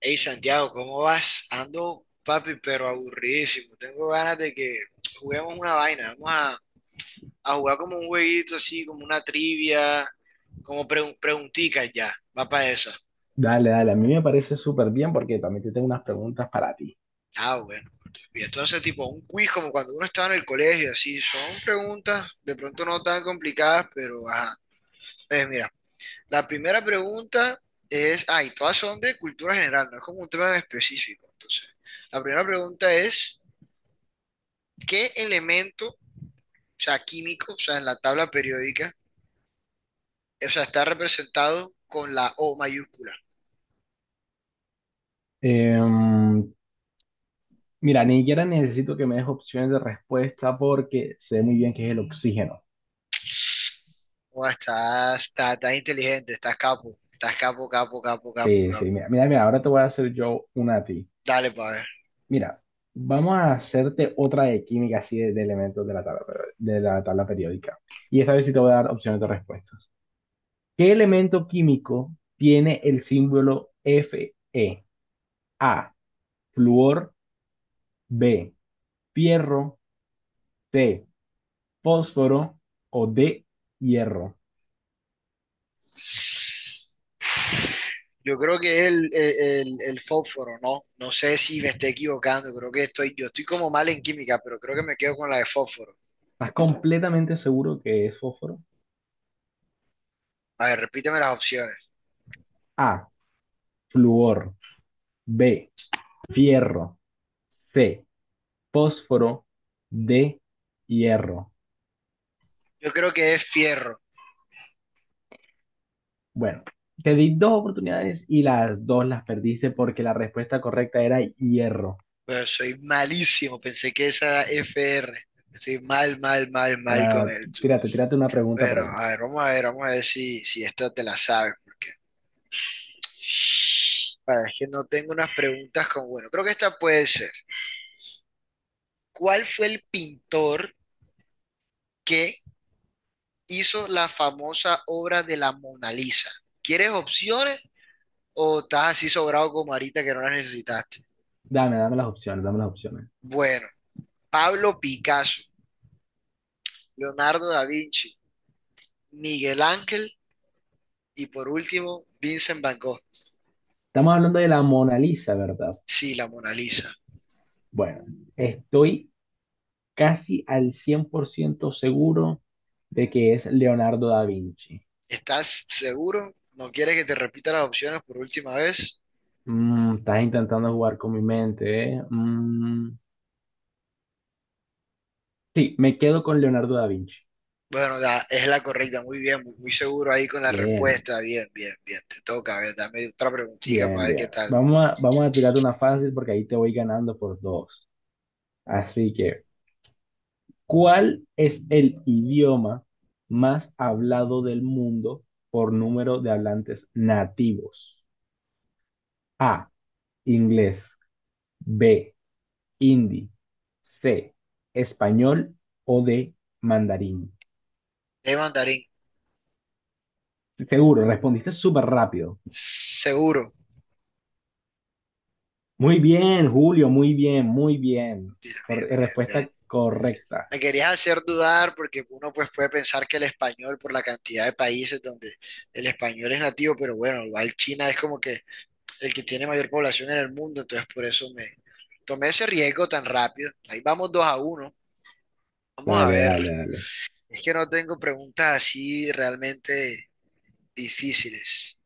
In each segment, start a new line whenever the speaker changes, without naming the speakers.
Hey Santiago, ¿cómo vas? Ando, papi, pero aburridísimo. Tengo ganas de que juguemos una vaina. Vamos a jugar como un jueguito así, como una trivia, como preguntitas ya. Va para esa.
Dale, dale, a mí me parece súper bien porque también te tengo unas preguntas para ti.
Ah, bueno. Y entonces, tipo, un quiz como cuando uno estaba en el colegio, así. Son preguntas, de pronto no tan complicadas, pero ajá. Entonces, mira, la primera pregunta es, ay, todas son de cultura general, no es como un tema en específico. Entonces, la primera pregunta es, ¿qué elemento sea, químico, o sea, en la tabla periódica, o sea, está representado con la O mayúscula?
Em, mira, ni siquiera necesito que me des opciones de respuesta porque sé muy bien que es el oxígeno.
O estás inteligente, estás capo, capo, capo, capo,
Sí, sí,
capo.
mira, mira, mira, ahora te voy a hacer yo una a ti.
Dale para ver.
Mira, vamos a hacerte otra de química, así de elementos de la tabla, de la tabla periódica. Y esta vez sí te voy a dar opciones de respuestas. ¿Qué elemento químico tiene el símbolo Fe? A, fluor. B, Pierro. C, fósforo. O D, hierro.
Yo creo que es el fósforo, ¿no? No sé si me esté equivocando, creo que yo estoy como mal en química, pero creo que me quedo con la de fósforo.
¿Estás completamente seguro que es fósforo?
A ver, repíteme las opciones.
A, flúor. B, fierro. C, fósforo. D, hierro.
Yo creo que es fierro,
Bueno, te di dos oportunidades y las dos las perdiste porque la respuesta correcta era hierro.
pero soy malísimo, pensé que esa era FR. Estoy mal, mal, mal, mal con
Ahora,
el.
tírate una pregunta por
Bueno,
ahí.
a ver, vamos a ver, vamos a ver si esta te la sabes, porque a ver, es que no tengo unas preguntas con, bueno, creo que esta puede ser. ¿Cuál fue el pintor que hizo la famosa obra de la Mona Lisa? ¿Quieres opciones o estás así sobrado como ahorita que no las necesitaste?
Dame, dame las opciones, dame las opciones.
Bueno, Pablo Picasso, Leonardo da Vinci, Miguel Ángel y por último, Vincent Van Gogh.
Estamos hablando de la Mona Lisa, ¿verdad?
Sí, la Mona Lisa.
Bueno, estoy casi al 100% seguro de que es Leonardo da Vinci.
¿Estás seguro? ¿No quieres que te repita las opciones por última vez?
Estás intentando jugar con mi mente, ¿eh? Mm, sí, me quedo con Leonardo da Vinci.
Bueno, es la correcta, muy bien, muy, muy seguro ahí con la
Bien,
respuesta. Bien, bien, bien, te toca. A ver, dame otra preguntita para
bien,
ver qué
bien.
tal.
Vamos a tirarte una fácil porque ahí te voy ganando por dos. Así que, ¿cuál es el idioma más hablado del mundo por número de hablantes nativos? A, inglés. B, hindi. C, español. O D, mandarín.
De mandarín,
Seguro, respondiste súper rápido.
seguro.
Muy bien, Julio, muy bien, muy bien.
Bien, bien, bien, bien.
Respuesta correcta.
Me querías hacer dudar porque uno pues puede pensar que el español, por la cantidad de países donde el español es nativo, pero bueno, igual China es como que el que tiene mayor población en el mundo, entonces por eso me tomé ese riesgo tan rápido. Ahí vamos 2-1. Vamos a
Dale,
ver.
dale, dale.
Es que no tengo preguntas así realmente difíciles.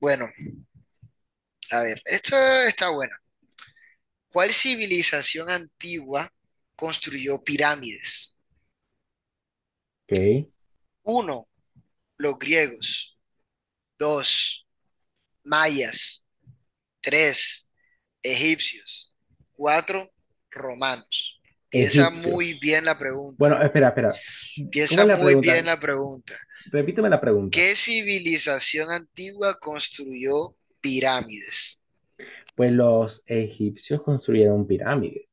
Bueno, a ver, esto está bueno. ¿Cuál civilización antigua construyó pirámides?
Ok.
Uno, los griegos. Dos, mayas. Tres, egipcios. Cuatro, romanos. Piensa muy
Egipcios.
bien la pregunta.
Bueno, espera, espera. ¿Cómo
Piensa
es la
muy bien
pregunta?
la pregunta.
Repíteme la pregunta.
¿Qué civilización antigua construyó pirámides?
Pues los egipcios construyeron pirámides.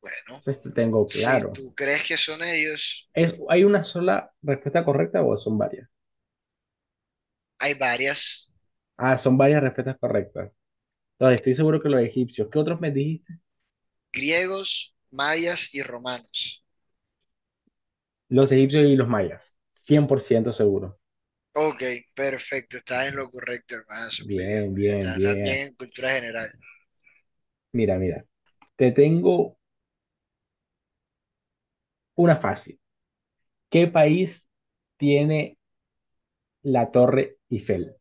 Bueno,
Eso esto tengo
si
claro.
tú crees que son ellos,
¿Es, hay una sola respuesta correcta o son varias?
hay varias.
Ah, son varias respuestas correctas. No, estoy seguro que los egipcios. ¿Qué otros me dijiste?
Griegos, mayas y romanos.
Los egipcios y los mayas. 100% seguro.
Ok, perfecto. Estás en lo correcto, hermanazo. Muy bien,
Bien,
muy bien.
bien,
Estás, estás
bien.
bien en cultura general.
Mira, mira. Te tengo una fácil. ¿Qué país tiene la Torre Eiffel?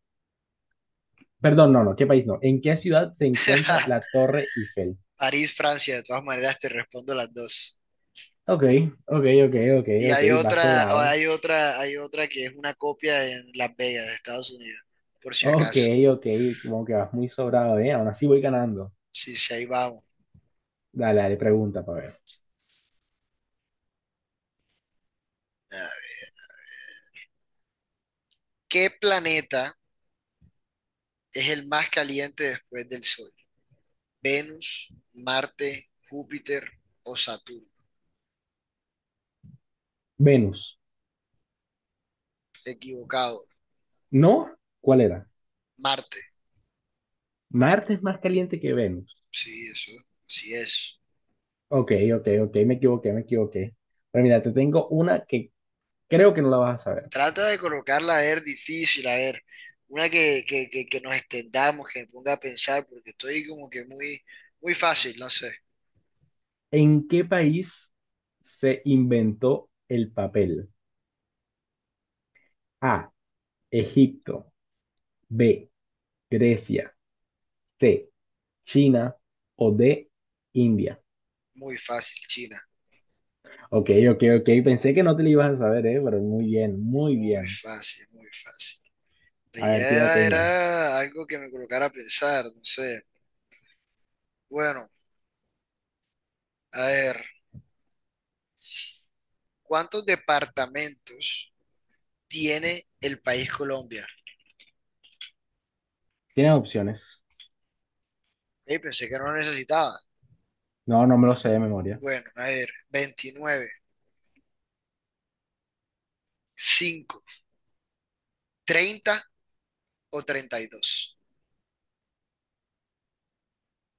Perdón, no, no. ¿Qué país no? ¿En qué ciudad se encuentra la Torre Eiffel?
París, Francia, de todas maneras te respondo las dos.
Ok, ok, ok, ok,
Y
ok.
hay
Vas
otra,
sobrado.
hay otra, hay otra que es una copia en Las Vegas, de Estados Unidos, por si
Ok,
acaso.
ok. Como que vas muy sobrado, ¿eh? Aún así voy ganando.
Sí, sí, ahí vamos.
Dale, dale, pregunta para ver.
Ah, ¿qué planeta es el más caliente después del Sol? ¿Venus, Marte, Júpiter o Saturno?
Venus.
Equivocado.
¿No? ¿Cuál era?
Marte.
Marte es más caliente que Venus.
Sí, eso. Así es.
Ok, ok, ok, me equivoqué, me equivoqué. Pero mira, te tengo una que creo que no la vas a saber.
Trata de colocarla a ver difícil, a ver. Una que nos extendamos, que me ponga a pensar, porque estoy como que muy, muy fácil, no sé.
¿En qué país se inventó el papel? A, Egipto. B, Grecia. C, China. O D, India.
Muy fácil, China.
Ok, ok, ok, pensé que no te la ibas a saber, pero muy bien, muy
Muy
bien.
fácil, muy fácil. La
A ver, tírate
idea
una.
era algo que me colocara a pensar, no sé. Bueno, a ver, ¿cuántos departamentos tiene el país Colombia?
¿Tienes opciones?
Pensé que no lo necesitaba.
No, no me lo sé de memoria.
Bueno, a ver, 29, cinco, 30 o 32.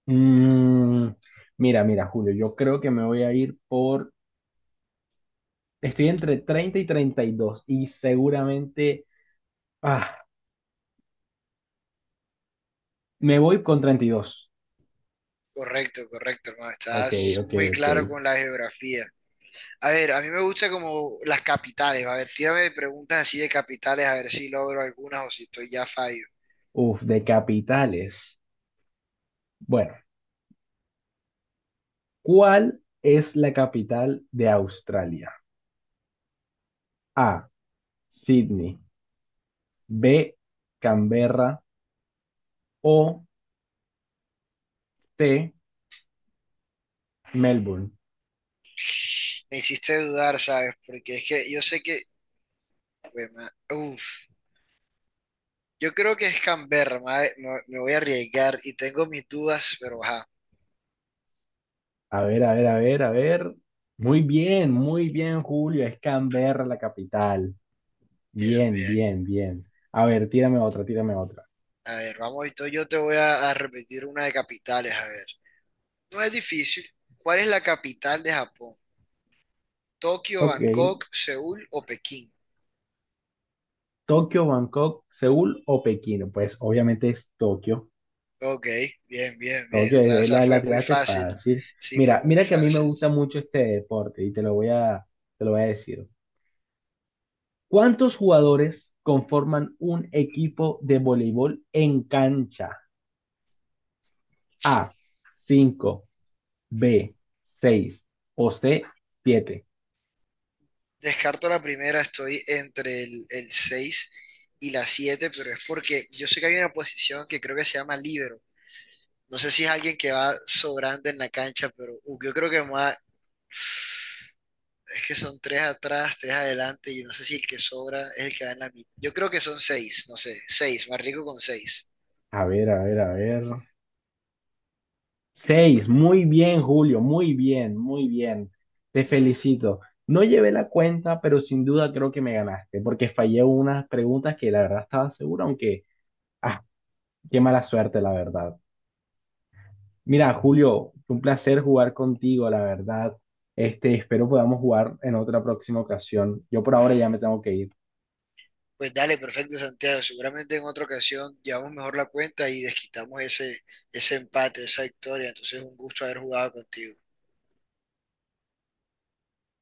Mm, mira, mira, Julio, yo creo que me voy a ir por. Estoy entre 30 y 32 y seguramente, ah, me voy con 32.
Correcto, correcto, hermano.
Ok,
Estás
ok,
muy
ok.
claro con la geografía. A ver, a mí me gusta como las capitales. A ver, tírame preguntas así de capitales, a ver si logro algunas o si estoy ya fallo.
Uf, de capitales. Bueno, ¿cuál es la capital de Australia? A, Sydney. B, Canberra. O C, Melbourne.
Me hiciste dudar, ¿sabes? Porque es que yo sé que... pues, uf, yo creo que es Canberra, Me voy a arriesgar y tengo mis dudas, pero ajá.
A ver, a ver, a ver, a ver. Muy bien, Julio. Es Canberra la capital.
Bien,
Bien,
bien.
bien, bien. A ver, tírame otra, tírame otra.
A ver, vamos, entonces yo te voy a repetir una de capitales, a ver. No es difícil. ¿Cuál es la capital de Japón? Tokio,
Ok,
Bangkok, Seúl o Pekín.
Tokio, Bangkok, Seúl o Pekín. Pues obviamente es Tokio.
Ok, bien, bien, bien. O
Tokio,
sea, esa
la
fue muy
tiraste
fácil.
fácil.
Sí, fue
Mira,
muy
mira que a mí me
fácil.
gusta mucho este deporte y te lo voy a decir. ¿Cuántos jugadores conforman un equipo de voleibol en cancha? A, cinco. B, seis. O C, siete.
Descarto la primera, estoy entre el 6 y la 7, pero es porque yo sé que hay una posición que creo que se llama líbero. No sé si es alguien que va sobrando en la cancha, pero yo creo que más... Es que son tres atrás, tres adelante, y no sé si el que sobra es el que va en la mitad. Yo creo que son seis, no sé, seis, más rico con seis.
A ver, a ver, a ver. Seis, muy bien, Julio, muy bien, muy bien. Te felicito. No llevé la cuenta, pero sin duda creo que me ganaste, porque fallé unas preguntas que la verdad estaba seguro, aunque, ah, qué mala suerte, la verdad. Mira, Julio, fue un placer jugar contigo, la verdad. Este, espero podamos jugar en otra próxima ocasión. Yo por ahora ya me tengo que ir.
Pues dale, perfecto, Santiago. Seguramente en otra ocasión llevamos mejor la cuenta y desquitamos ese empate, esa victoria. Entonces, un gusto haber jugado contigo.